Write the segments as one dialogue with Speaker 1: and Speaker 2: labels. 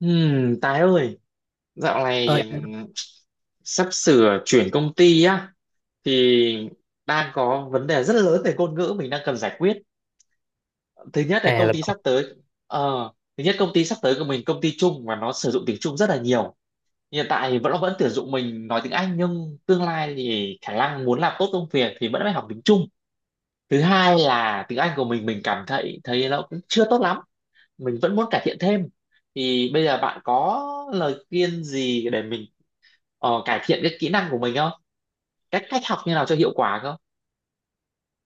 Speaker 1: Tài ơi, dạo
Speaker 2: Ơi,
Speaker 1: này sắp sửa chuyển công ty á thì đang có vấn đề rất lớn về ngôn ngữ mình đang cần giải quyết. Thứ nhất là
Speaker 2: à
Speaker 1: công
Speaker 2: là
Speaker 1: ty sắp tới ờ, Thứ nhất, công ty sắp tới của mình công ty Trung và nó sử dụng tiếng Trung rất là nhiều. Hiện tại thì vẫn vẫn tuyển dụng mình nói tiếng Anh, nhưng tương lai thì khả năng muốn làm tốt công việc thì vẫn phải học tiếng Trung. Thứ hai là tiếng Anh của mình cảm thấy thấy nó cũng chưa tốt lắm, mình vẫn muốn cải thiện thêm. Thì bây giờ bạn có lời khuyên gì để mình cải thiện cái kỹ năng của mình không? Cách cách học như nào cho hiệu quả không?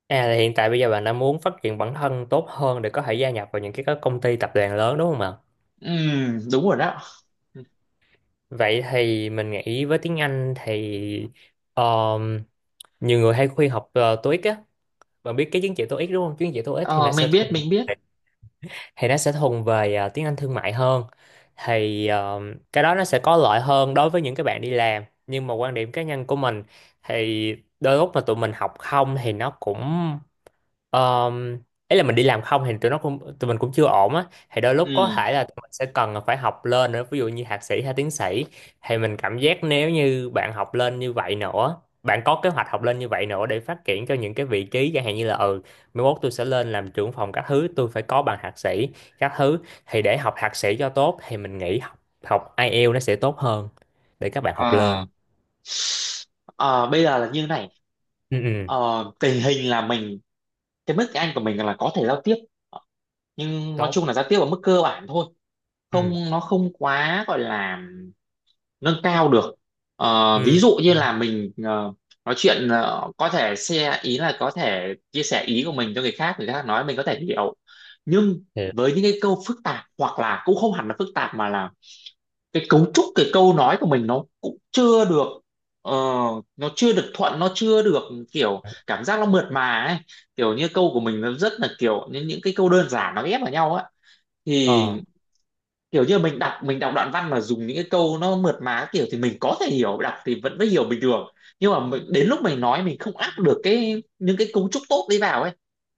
Speaker 2: à là hiện tại bây giờ bạn đã muốn phát triển bản thân tốt hơn để có thể gia nhập vào những cái các công ty tập đoàn lớn đúng không ạ?
Speaker 1: Ừ, đúng rồi đó.
Speaker 2: Vậy thì mình nghĩ với tiếng Anh thì um, nhiều người hay khuyên học TOEIC á, bạn biết cái chứng chỉ TOEIC đúng không? Chứng chỉ TOEIC thì
Speaker 1: Ờ,
Speaker 2: nó sẽ
Speaker 1: mình biết
Speaker 2: thuần
Speaker 1: mình biết.
Speaker 2: thì nó sẽ thuần về tiếng Anh thương mại hơn. Thì cái đó nó sẽ có lợi hơn đối với những cái bạn đi làm, nhưng mà quan điểm cá nhân của mình thì đôi lúc mà tụi mình học không thì nó cũng Um, ấy là mình đi làm không thì tụi mình cũng chưa ổn á. Thì đôi lúc có
Speaker 1: Ừm.
Speaker 2: thể là tụi mình sẽ cần phải học lên nữa, ví dụ như thạc sĩ hay tiến sĩ. Thì mình cảm giác nếu như bạn học lên như vậy nữa, bạn có kế hoạch học lên như vậy nữa để phát triển cho những cái vị trí chẳng hạn như là ừ, mai mốt tôi sẽ lên làm trưởng phòng các thứ, tôi phải có bằng thạc sĩ các thứ. Thì để học thạc sĩ cho tốt thì mình nghĩ học học IELTS nó sẽ tốt hơn để các bạn học
Speaker 1: Ờ.
Speaker 2: lên.
Speaker 1: Ờ, bây giờ là như này.
Speaker 2: Ừ, ừ,
Speaker 1: Tình hình là mình, cái mức Anh của mình là có thể giao tiếp. Ờ, nhưng nói
Speaker 2: tốt.
Speaker 1: chung là giao tiếp ở mức cơ bản thôi,
Speaker 2: Ừ,
Speaker 1: không nó không quá gọi là nâng cao được. Ờ, ví
Speaker 2: ừ,
Speaker 1: dụ như
Speaker 2: ừ.
Speaker 1: là mình nói chuyện, có thể share, ý là có thể chia sẻ ý của mình cho người khác, người khác nói mình có thể hiểu. Nhưng
Speaker 2: Hiểu.
Speaker 1: với những cái câu phức tạp, hoặc là cũng không hẳn là phức tạp mà là cái cấu trúc cái câu nói của mình nó cũng chưa được, ờ, nó chưa được thuận, nó chưa được, kiểu cảm giác nó mượt mà ấy. Kiểu như câu của mình nó rất là kiểu những cái câu đơn giản nó ghép vào nhau á. Thì
Speaker 2: Ờ,
Speaker 1: kiểu như mình đọc đoạn văn mà dùng những cái câu nó mượt mà kiểu thì mình có thể hiểu, đọc thì vẫn mới hiểu bình thường. Nhưng mà đến lúc mình nói mình không áp được cái những cái cấu trúc tốt đấy vào ấy.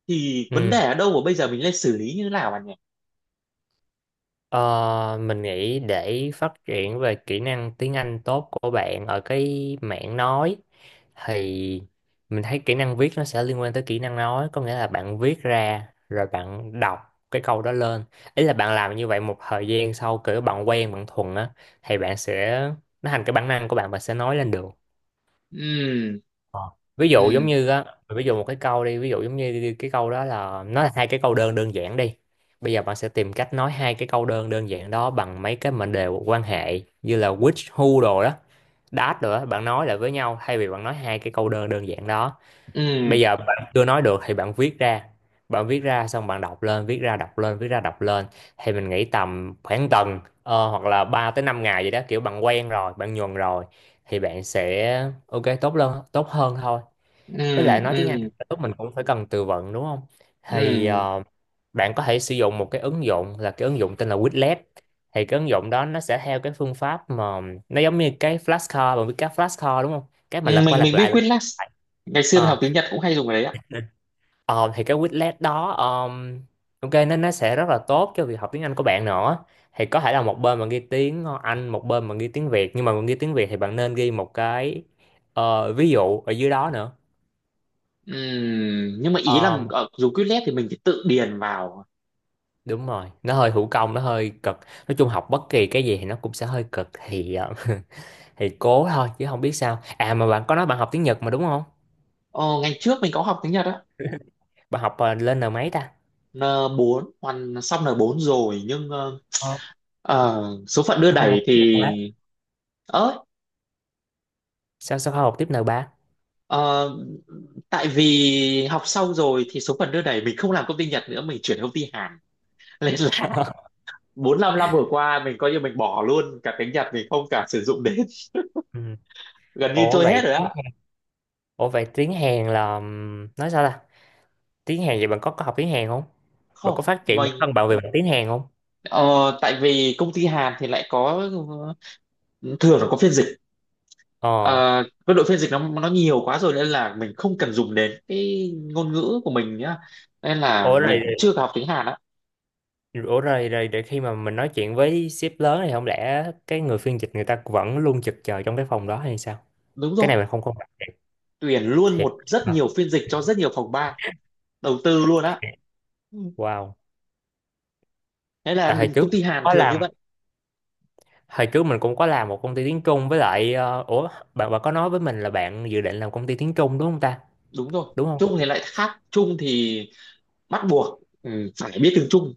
Speaker 1: Thì vấn đề
Speaker 2: ừ.
Speaker 1: ở đâu mà bây giờ mình lên xử lý như thế nào bạn nhỉ?
Speaker 2: Ờ, mình nghĩ để phát triển về kỹ năng tiếng Anh tốt của bạn ở cái mảng nói thì mình thấy kỹ năng viết nó sẽ liên quan tới kỹ năng nói, có nghĩa là bạn viết ra rồi bạn đọc cái câu đó lên. Ý là bạn làm như vậy một thời gian sau kiểu bạn quen bạn thuần á, thì bạn sẽ nó thành cái bản năng của bạn, bạn sẽ nói lên được.
Speaker 1: Ừ,
Speaker 2: Ờ. Ví dụ giống
Speaker 1: ừ,
Speaker 2: như á, ví dụ một cái câu đi, ví dụ giống như cái câu đó là nó là hai cái câu đơn đơn giản đi, bây giờ bạn sẽ tìm cách nói hai cái câu đơn đơn giản đó bằng mấy cái mệnh đề quan hệ như là which, who đồ đó, that đồ đó, bạn nói lại với nhau thay vì bạn nói hai cái câu đơn đơn giản đó.
Speaker 1: ừ,
Speaker 2: Bây giờ bạn chưa nói được thì bạn viết ra, bạn viết ra xong bạn đọc lên, viết ra đọc lên, viết ra đọc lên. Thì mình nghĩ tầm khoảng tuần hoặc là 3 tới 5 ngày vậy đó, kiểu bạn quen rồi bạn nhuần rồi thì bạn sẽ ok, tốt hơn thôi.
Speaker 1: ừ,
Speaker 2: Với lại nói tiếng Anh
Speaker 1: ừ,
Speaker 2: lúc mình cũng phải cần từ vựng đúng không, thì
Speaker 1: ừ.
Speaker 2: bạn có thể sử dụng một cái ứng dụng là cái ứng dụng tên là Quizlet. Thì cái ứng dụng đó nó sẽ theo cái phương pháp mà nó giống như cái flashcard, bạn biết cái flashcard đúng không, cái mà
Speaker 1: Ừ,
Speaker 2: lật qua
Speaker 1: mình
Speaker 2: lật
Speaker 1: mình biết
Speaker 2: lại lật
Speaker 1: Quizlet, ngày xưa mình học
Speaker 2: lại.
Speaker 1: tiếng Nhật cũng hay dùng cái đấy ạ.
Speaker 2: Ờ, thì cái Quizlet đó ok, nên nó sẽ rất là tốt cho việc học tiếng Anh của bạn nữa. Thì có thể là một bên mà ghi tiếng Anh, một bên mà ghi tiếng Việt, nhưng mà mình ghi tiếng Việt thì bạn nên ghi một cái ví dụ ở dưới đó nữa.
Speaker 1: Ừ, nhưng mà ý là
Speaker 2: Ờm,
Speaker 1: ở dùng Quizlet thì mình phải tự điền vào.
Speaker 2: đúng rồi, nó hơi thủ công, nó hơi cực. Nói chung học bất kỳ cái gì thì nó cũng sẽ hơi cực thì thì cố thôi chứ không biết sao. À mà bạn có nói bạn học tiếng Nhật mà đúng không,
Speaker 1: Ờ, Ngày trước mình có học tiếng Nhật á,
Speaker 2: bạn học lên N mấy ta?
Speaker 1: n bốn, hoàn xong n bốn rồi,
Speaker 2: Ờ,
Speaker 1: Ờ, số phận đưa
Speaker 2: sao không
Speaker 1: đẩy
Speaker 2: học tiếng Nhật
Speaker 1: thì,
Speaker 2: hả?
Speaker 1: ớ,
Speaker 2: Sao sao không học tiếp N ba?
Speaker 1: ờ, tại vì học xong rồi thì số phận đưa đẩy mình không làm công ty Nhật nữa, mình chuyển công ty Hàn. Nên là bốn năm năm vừa qua mình coi như mình bỏ luôn cả tiếng Nhật, mình không cả sử dụng đến.
Speaker 2: Ừ.
Speaker 1: Gần như
Speaker 2: Ủa
Speaker 1: trôi hết
Speaker 2: vậy,
Speaker 1: rồi á.
Speaker 2: ủa vậy tiếng Hàn là, nói sao ta? Tiếng Hàn vậy bạn có học tiếng Hàn không? Bạn
Speaker 1: Không.
Speaker 2: có phát triển
Speaker 1: mình
Speaker 2: bản thân bạn về mặt tiếng Hàn không?
Speaker 1: ờ, tại vì công ty Hàn thì lại có, thường là có phiên dịch. Ờ,
Speaker 2: Ờ.
Speaker 1: cái đội phiên dịch nó nhiều quá rồi nên là mình không cần dùng đến cái ngôn ngữ của mình nhá, nên là
Speaker 2: Ủa
Speaker 1: mình
Speaker 2: rồi,
Speaker 1: cũng chưa học tiếng Hàn á.
Speaker 2: ủa rồi, rồi để khi mà mình nói chuyện với sếp lớn thì không lẽ cái người phiên dịch người ta vẫn luôn trực chờ trong cái phòng đó hay sao?
Speaker 1: Đúng
Speaker 2: Cái này
Speaker 1: rồi,
Speaker 2: mình không không
Speaker 1: tuyển luôn
Speaker 2: thiệt.
Speaker 1: rất nhiều phiên dịch cho rất nhiều phòng ban, đầu tư luôn á. Ừ.
Speaker 2: Wow.
Speaker 1: Thế
Speaker 2: Tại
Speaker 1: là
Speaker 2: hồi trước
Speaker 1: công ty
Speaker 2: mình
Speaker 1: Hàn
Speaker 2: có
Speaker 1: thường
Speaker 2: làm,
Speaker 1: như vậy.
Speaker 2: hồi trước mình cũng có làm một công ty tiếng Trung với lại ủa, bạn bạn có nói với mình là bạn dự định làm công ty tiếng Trung đúng không ta?
Speaker 1: Đúng rồi,
Speaker 2: Đúng
Speaker 1: Trung
Speaker 2: không?
Speaker 1: thì lại khác. Trung thì bắt buộc phải biết tiếng Trung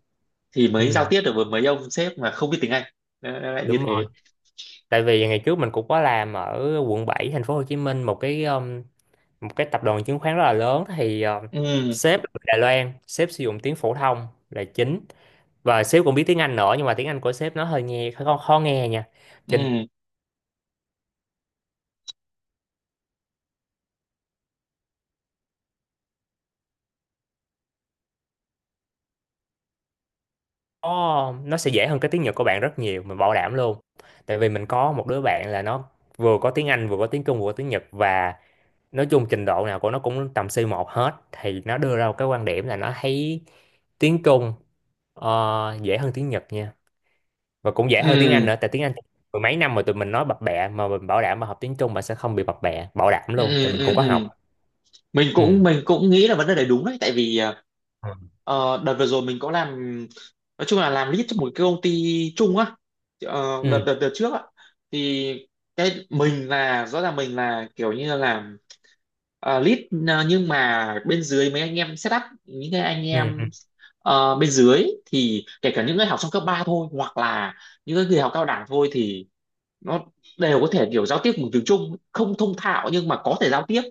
Speaker 1: thì mới giao
Speaker 2: Ừ,
Speaker 1: tiếp được với mấy ông sếp mà không biết tiếng Anh. Nó lại như
Speaker 2: đúng rồi.
Speaker 1: thế.
Speaker 2: Tại vì ngày trước mình cũng có làm ở quận 7 thành phố Hồ Chí Minh một cái tập đoàn chứng khoán rất là lớn. Thì
Speaker 1: Ừ,
Speaker 2: sếp là người Đài Loan, sếp sử dụng tiếng phổ thông là chính, và sếp cũng biết tiếng Anh nữa, nhưng mà tiếng Anh của sếp nó hơi nghe hơi khó, khó nghe nha. Cho nên
Speaker 1: ừ,
Speaker 2: nó sẽ dễ hơn cái tiếng Nhật của bạn rất nhiều, mình bảo đảm luôn. Tại vì mình có một đứa bạn là nó vừa có tiếng Anh vừa có tiếng Trung vừa có tiếng Nhật, và nói chung trình độ nào của nó cũng tầm C1 hết, thì nó đưa ra một cái quan điểm là nó thấy tiếng Trung, ờ, dễ hơn tiếng Nhật nha, và cũng dễ hơn tiếng Anh
Speaker 1: ừ,
Speaker 2: nữa. Tại tiếng Anh mười mấy năm mà tụi mình nói bập bẹ, mà mình bảo đảm mà học tiếng Trung bạn sẽ không bị bập bẹ, bảo đảm
Speaker 1: ừ,
Speaker 2: luôn tại
Speaker 1: ừ,
Speaker 2: mình cũng
Speaker 1: ừ,
Speaker 2: có học.
Speaker 1: ừ. mình
Speaker 2: Ừ
Speaker 1: cũng mình cũng nghĩ là vấn đề này đúng đấy, tại vì
Speaker 2: ừ
Speaker 1: đợt vừa rồi mình có làm, nói chung là làm lead cho một cái công ty chung á. Ờ, đợt,
Speaker 2: ừ
Speaker 1: đợt đợt trước á, thì cái mình là rõ ràng mình là kiểu như là làm, lead. Nhưng mà bên dưới mấy anh em setup những cái anh
Speaker 2: ừ ừ.
Speaker 1: em, bên dưới thì kể cả những người học trong cấp 3 thôi, hoặc là những cái người học cao đẳng thôi, thì nó đều có thể kiểu giao tiếp bằng tiếng Trung, không thông thạo nhưng mà có thể giao tiếp.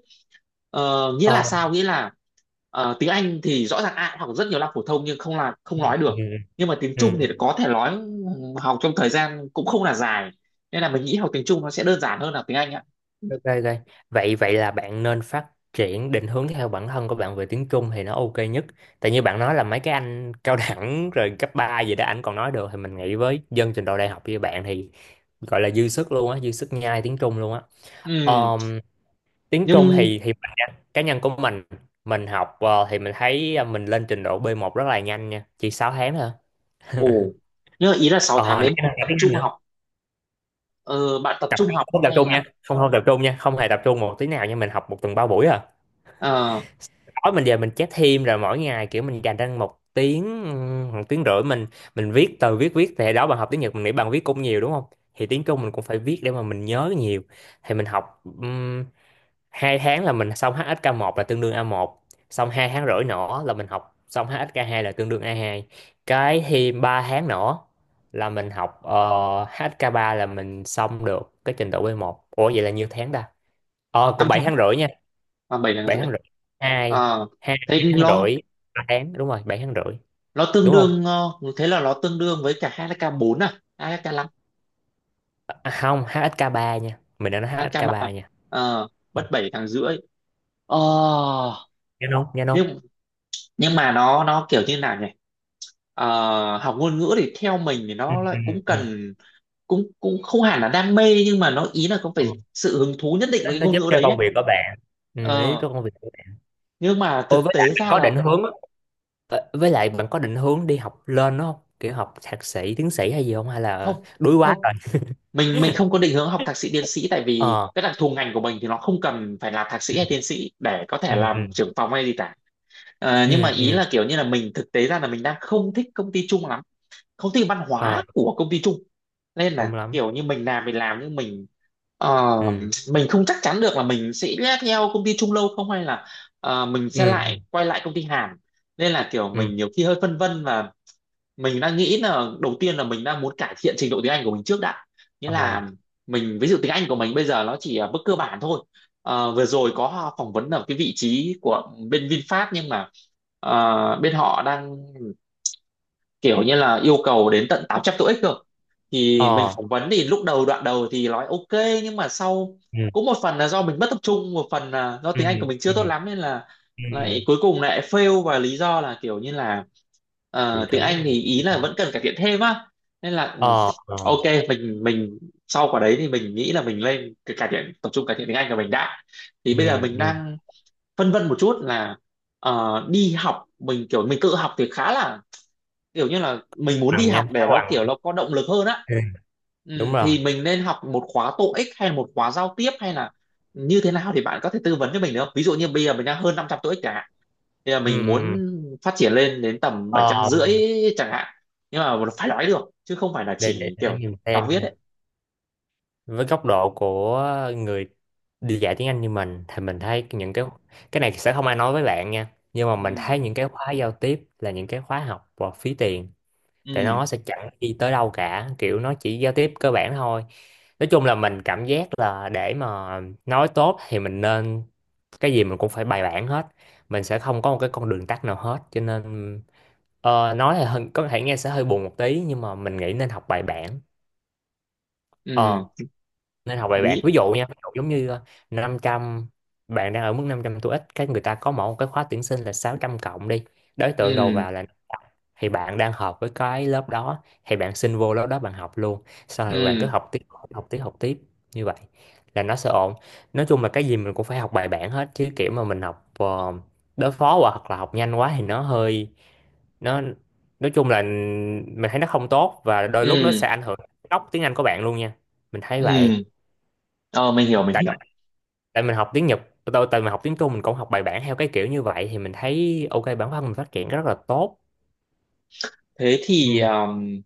Speaker 1: Ờ, nghĩa
Speaker 2: Ờ,
Speaker 1: là sao, nghĩa là tiếng Anh thì rõ ràng ai cũng học rất nhiều năm phổ thông nhưng không là không nói
Speaker 2: ừ
Speaker 1: được,
Speaker 2: ừ
Speaker 1: nhưng mà tiếng
Speaker 2: ừ.
Speaker 1: Trung
Speaker 2: Ừ.
Speaker 1: thì có thể nói, học trong thời gian cũng không là dài. Nên là mình nghĩ học tiếng Trung nó sẽ đơn giản hơn là tiếng Anh ạ.
Speaker 2: Ok ok, vậy vậy là bạn nên phát triển định hướng theo bản thân của bạn về tiếng Trung thì nó ok nhất. Tại như bạn nói là mấy cái anh cao đẳng rồi cấp 3 gì đó anh còn nói được, thì mình nghĩ với dân trình độ đại học như bạn thì gọi là dư sức luôn á, dư sức nhai tiếng Trung luôn á.
Speaker 1: Ừ.
Speaker 2: Ờ, tiếng Trung
Speaker 1: nhưng
Speaker 2: thì cá nhân của mình học thì mình thấy mình lên trình độ B1 rất là nhanh nha, chỉ 6 tháng thôi.
Speaker 1: ồ nhưng mà ý là 6 tháng
Speaker 2: Ờ
Speaker 1: đấy
Speaker 2: nãy
Speaker 1: bạn
Speaker 2: là
Speaker 1: tập
Speaker 2: tiếng
Speaker 1: trung
Speaker 2: Anh nữa.
Speaker 1: học, ờ, bạn tập
Speaker 2: Tập
Speaker 1: trung học
Speaker 2: không tập
Speaker 1: hay
Speaker 2: trung
Speaker 1: là,
Speaker 2: nha, không không tập trung nha, không hề tập trung một tí nào nha. Mình học một tuần ba buổi à,
Speaker 1: uh,
Speaker 2: tối mình về mình chép thêm, rồi mỗi ngày kiểu mình dành ra một tiếng rưỡi mình viết từ viết viết thì đó, bạn học tiếng Nhật mình nghĩ bạn viết cũng nhiều đúng không, thì tiếng Trung mình cũng phải viết để mà mình nhớ nhiều. Thì mình học hai tháng là mình xong HSK 1, là tương đương A1. Xong hai tháng rưỡi nữa là mình học xong HSK 2, là tương đương A2. Cái thì ba tháng nữa là mình học HSK 3 là mình xong được cái trình độ B1. Ủa vậy là nhiêu tháng ta, ờ cũng
Speaker 1: 5
Speaker 2: 7
Speaker 1: tháng
Speaker 2: tháng rưỡi nha.
Speaker 1: và bảy tháng
Speaker 2: Bảy
Speaker 1: rưỡi
Speaker 2: tháng rưỡi, hai,
Speaker 1: Ờ,
Speaker 2: hai
Speaker 1: thế
Speaker 2: tháng
Speaker 1: lo,
Speaker 2: rưỡi, ba tháng, đúng rồi, bảy tháng rưỡi
Speaker 1: nó tương
Speaker 2: đúng không.
Speaker 1: đương ờ, thế là nó tương đương với cả HK4 à? HK5?
Speaker 2: À, không HSK ba nha, mình đã nói HSK
Speaker 1: HK3
Speaker 2: ba
Speaker 1: à?
Speaker 2: nha.
Speaker 1: Ờ,
Speaker 2: Ờ,
Speaker 1: mất 7 tháng rưỡi. ờ,
Speaker 2: nhớ không, nhớ không.
Speaker 1: nhưng nhưng mà nó kiểu như nào nhỉ? Ờ, học ngôn ngữ thì theo mình thì
Speaker 2: Ừ,
Speaker 1: nó lại
Speaker 2: ừ,
Speaker 1: cũng
Speaker 2: ừ.
Speaker 1: cần, cũng cũng không hẳn là đam mê nhưng mà nó ý là có
Speaker 2: Ờ,
Speaker 1: phải sự hứng thú nhất định
Speaker 2: nó
Speaker 1: với cái
Speaker 2: nó
Speaker 1: ngôn
Speaker 2: giúp
Speaker 1: ngữ
Speaker 2: cho
Speaker 1: đấy
Speaker 2: công
Speaker 1: ấy.
Speaker 2: việc của bạn, ừ, nó giúp
Speaker 1: Ờ,
Speaker 2: cho công việc.
Speaker 1: nhưng mà
Speaker 2: Ôi
Speaker 1: thực
Speaker 2: với lại
Speaker 1: tế
Speaker 2: bạn
Speaker 1: ra
Speaker 2: có
Speaker 1: là
Speaker 2: định hướng á, với lại bạn có định hướng đi học lên đúng không? Kiểu học thạc sĩ, tiến sĩ hay gì không? Hay là
Speaker 1: không,
Speaker 2: đuối quá
Speaker 1: không,
Speaker 2: rồi?
Speaker 1: mình không có định hướng học thạc sĩ tiến sĩ, tại vì
Speaker 2: Ờ,
Speaker 1: cái đặc thù ngành của mình thì nó không cần phải là thạc sĩ hay tiến sĩ để có thể
Speaker 2: ừ, ừ,
Speaker 1: làm trưởng phòng hay gì cả. Ờ, nhưng mà
Speaker 2: ừ,
Speaker 1: ý
Speaker 2: ừ,
Speaker 1: là kiểu như là mình, thực tế ra là mình đang không thích công ty chung lắm, không thích văn
Speaker 2: ờ,
Speaker 1: hóa của công ty chung. Nên
Speaker 2: đúng
Speaker 1: là
Speaker 2: lắm.
Speaker 1: kiểu như mình làm, mình làm nhưng mình, Ờ,
Speaker 2: Ừ,
Speaker 1: mình không chắc chắn được là mình sẽ theo công ty Trung Lâu không, hay là mình sẽ
Speaker 2: ừ,
Speaker 1: lại quay lại công ty Hàn. Nên là kiểu
Speaker 2: ừ,
Speaker 1: mình nhiều khi hơi phân vân, và mình đang nghĩ là đầu tiên là mình đang muốn cải thiện trình độ tiếng Anh của mình trước đã. Nghĩa
Speaker 2: ờ,
Speaker 1: là mình, ví dụ tiếng Anh của mình bây giờ nó chỉ ở mức cơ bản thôi. Ờ, vừa rồi có phỏng vấn ở cái vị trí của bên VinFast, nhưng mà bên họ đang kiểu như là yêu cầu đến tận 800 tuổi cơ. Thì mình
Speaker 2: ờ,
Speaker 1: phỏng vấn thì lúc đầu đoạn đầu thì nói ok, nhưng mà sau
Speaker 2: ừ,
Speaker 1: cũng một phần là do mình mất tập trung, một phần là do
Speaker 2: ừ,
Speaker 1: tiếng Anh của mình chưa
Speaker 2: ừ,
Speaker 1: tốt lắm, nên là lại
Speaker 2: ừ,
Speaker 1: cuối cùng lại fail, và lý do là kiểu như là
Speaker 2: bị
Speaker 1: tiếng
Speaker 2: rớ.
Speaker 1: Anh thì ý
Speaker 2: Bị-
Speaker 1: là vẫn cần cải thiện thêm á. Nên là ừ,
Speaker 2: ờ, ờ,
Speaker 1: ok, mình sau quả đấy thì mình nghĩ là mình lên cái cải thiện, tập trung cải thiện tiếng Anh của mình đã. Thì
Speaker 2: ừ,
Speaker 1: bây giờ mình
Speaker 2: ừ,
Speaker 1: đang phân vân một chút là, đi học mình kiểu, mình tự học thì khá là, kiểu như là mình muốn đi
Speaker 2: bằng nha,
Speaker 1: học
Speaker 2: khá
Speaker 1: để nó
Speaker 2: bằng.
Speaker 1: kiểu nó có động lực hơn á.
Speaker 2: Ừ, đúng
Speaker 1: Ừ, thì
Speaker 2: rồi.
Speaker 1: mình nên học một khóa TOEIC hay là một khóa giao tiếp, hay là như thế nào thì bạn có thể tư vấn cho mình được không? Ví dụ như bây giờ mình đang hơn 500 TOEIC chẳng hạn, thì là
Speaker 2: Ừ,
Speaker 1: mình
Speaker 2: ừ, ừ.
Speaker 1: muốn phát triển lên đến tầm bảy trăm
Speaker 2: Ờ,
Speaker 1: rưỡi chẳng hạn, nhưng mà phải nói được chứ không phải là
Speaker 2: để, để,
Speaker 1: chỉ
Speaker 2: để
Speaker 1: kiểu
Speaker 2: mình
Speaker 1: đọc
Speaker 2: xem.
Speaker 1: viết ấy.
Speaker 2: Với góc độ của người đi dạy tiếng Anh như mình thì mình thấy những cái này sẽ không ai nói với bạn nha, nhưng mà mình
Speaker 1: Ừ.
Speaker 2: thấy những cái khóa giao tiếp là những cái khóa học và phí tiền. Tại
Speaker 1: Ừ,
Speaker 2: nó sẽ chẳng đi tới đâu cả, kiểu nó chỉ giao tiếp cơ bản thôi. Nói chung là mình cảm giác là để mà nói tốt thì mình nên, cái gì mình cũng phải bài bản hết, mình sẽ không có một cái con đường tắt nào hết. Cho nên nói là hơi- có thể nghe sẽ hơi buồn một tí, nhưng mà mình nghĩ nên học bài bản. Ờ,
Speaker 1: ừ,
Speaker 2: nên học bài bạc,
Speaker 1: lý,
Speaker 2: ví dụ nha, ví dụ giống như năm trăm, bạn đang ở mức 500 TOEIC, cái người ta có mỗi một cái khóa tuyển sinh là 600 cộng đi, đối tượng đầu
Speaker 1: ừ,
Speaker 2: vào là 500. Thì bạn đang hợp với cái lớp đó thì bạn xin vô lớp đó, bạn học luôn, sau rồi bạn cứ
Speaker 1: ừ,
Speaker 2: học tiếp, học tiếp, học tiếp như vậy là nó sẽ ổn. Nói chung là cái gì mình cũng phải học bài bản hết, chứ kiểu mà mình học đối phó quá hoặc là học nhanh quá thì nó hơi, nó, nói chung là mình thấy nó không tốt, và đôi lúc nó
Speaker 1: ừ,
Speaker 2: sẽ ảnh hưởng đến gốc tiếng Anh của bạn luôn nha. Mình thấy
Speaker 1: ừ.
Speaker 2: vậy.
Speaker 1: Mình hiểu mình
Speaker 2: Tại,
Speaker 1: hiểu.
Speaker 2: tại mình học tiếng Nhật, tôi tại mình học tiếng Trung mình cũng học bài bản theo cái kiểu như vậy thì mình thấy ok, bản thân mình phát triển rất là tốt.
Speaker 1: Thế thì,
Speaker 2: Ừ.
Speaker 1: um,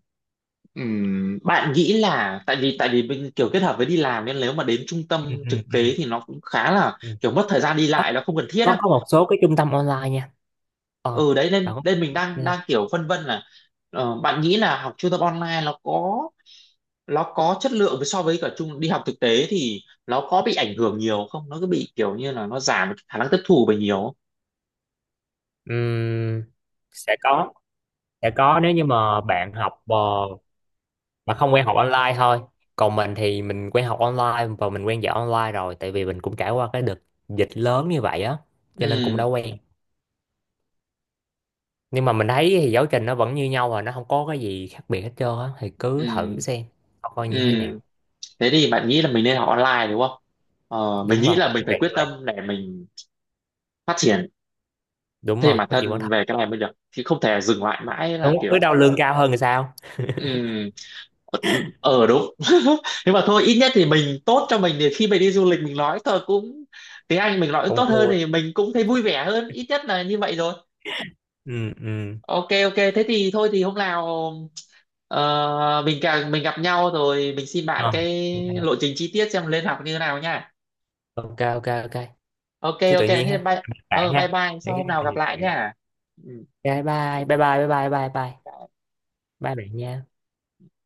Speaker 1: ừm, bạn nghĩ là, tại vì mình kiểu kết hợp với đi làm nên nếu mà đến trung
Speaker 2: Ừ,
Speaker 1: tâm
Speaker 2: ừ,
Speaker 1: thực tế
Speaker 2: ừ,
Speaker 1: thì nó cũng khá là
Speaker 2: ừ.
Speaker 1: kiểu mất thời gian đi
Speaker 2: Có,
Speaker 1: lại, nó không cần thiết
Speaker 2: có
Speaker 1: á.
Speaker 2: có một số cái trung tâm online nha. Ờ
Speaker 1: Ừ đấy, nên
Speaker 2: bạn có.
Speaker 1: nên mình đang đang kiểu phân vân là, bạn nghĩ là học trung tâm online, nó có chất lượng với so với cả trung đi học thực tế thì nó có bị ảnh hưởng nhiều không, nó cứ bị kiểu như là nó giảm khả năng tiếp thu về nhiều không?
Speaker 2: Ừm, sẽ có, sẽ có nếu như mà bạn học mà không quen học online thôi. Còn mình thì mình quen học online và mình quen dạy online rồi, tại vì mình cũng trải qua cái đợt dịch lớn như vậy á, cho nên cũng
Speaker 1: Ừ,
Speaker 2: đã quen. Nhưng mà mình thấy thì giáo trình nó vẫn như nhau và nó không có cái gì khác biệt hết trơn á, thì cứ thử
Speaker 1: ừ,
Speaker 2: xem coi
Speaker 1: ừ.
Speaker 2: như thế nào.
Speaker 1: Thế thì bạn nghĩ là mình nên học online đúng không? Mình
Speaker 2: Đúng
Speaker 1: nghĩ
Speaker 2: rồi
Speaker 1: là mình
Speaker 2: nó
Speaker 1: phải
Speaker 2: tiện
Speaker 1: quyết
Speaker 2: như vậy.
Speaker 1: tâm để mình phát triển
Speaker 2: Đúng
Speaker 1: thêm
Speaker 2: rồi
Speaker 1: bản
Speaker 2: có chuyện bản
Speaker 1: thân
Speaker 2: thân.
Speaker 1: về cái này mới được, chứ không thể dừng lại mãi là
Speaker 2: Đúng
Speaker 1: kiểu,
Speaker 2: cứ đâu lương cao hơn thì sao.
Speaker 1: ừm, ờ đúng. Nhưng mà thôi, ít nhất thì mình tốt cho mình thì khi mình đi du lịch mình nói thôi cũng, tiếng Anh mình nói tốt
Speaker 2: Cũng
Speaker 1: hơn
Speaker 2: vui.
Speaker 1: thì mình cũng thấy vui vẻ hơn, ít nhất là như vậy rồi.
Speaker 2: Ừ. Ừ.
Speaker 1: Ok, ok, thế thì thôi, thì hôm nào ờ, mình càng, mình gặp nhau rồi mình xin bạn
Speaker 2: Ờ,
Speaker 1: cái lộ trình chi tiết xem lên học như thế nào nha.
Speaker 2: ok ok ok,
Speaker 1: Ok,
Speaker 2: cứ tự
Speaker 1: ok,
Speaker 2: nhiên
Speaker 1: thế
Speaker 2: ha
Speaker 1: bye.
Speaker 2: bạn
Speaker 1: Bye
Speaker 2: ha,
Speaker 1: bye,
Speaker 2: những
Speaker 1: sau hôm nào gặp lại
Speaker 2: cái,
Speaker 1: nha. Ừ.
Speaker 2: bye bye bye bye bye bye bye bye, bye bạn nha.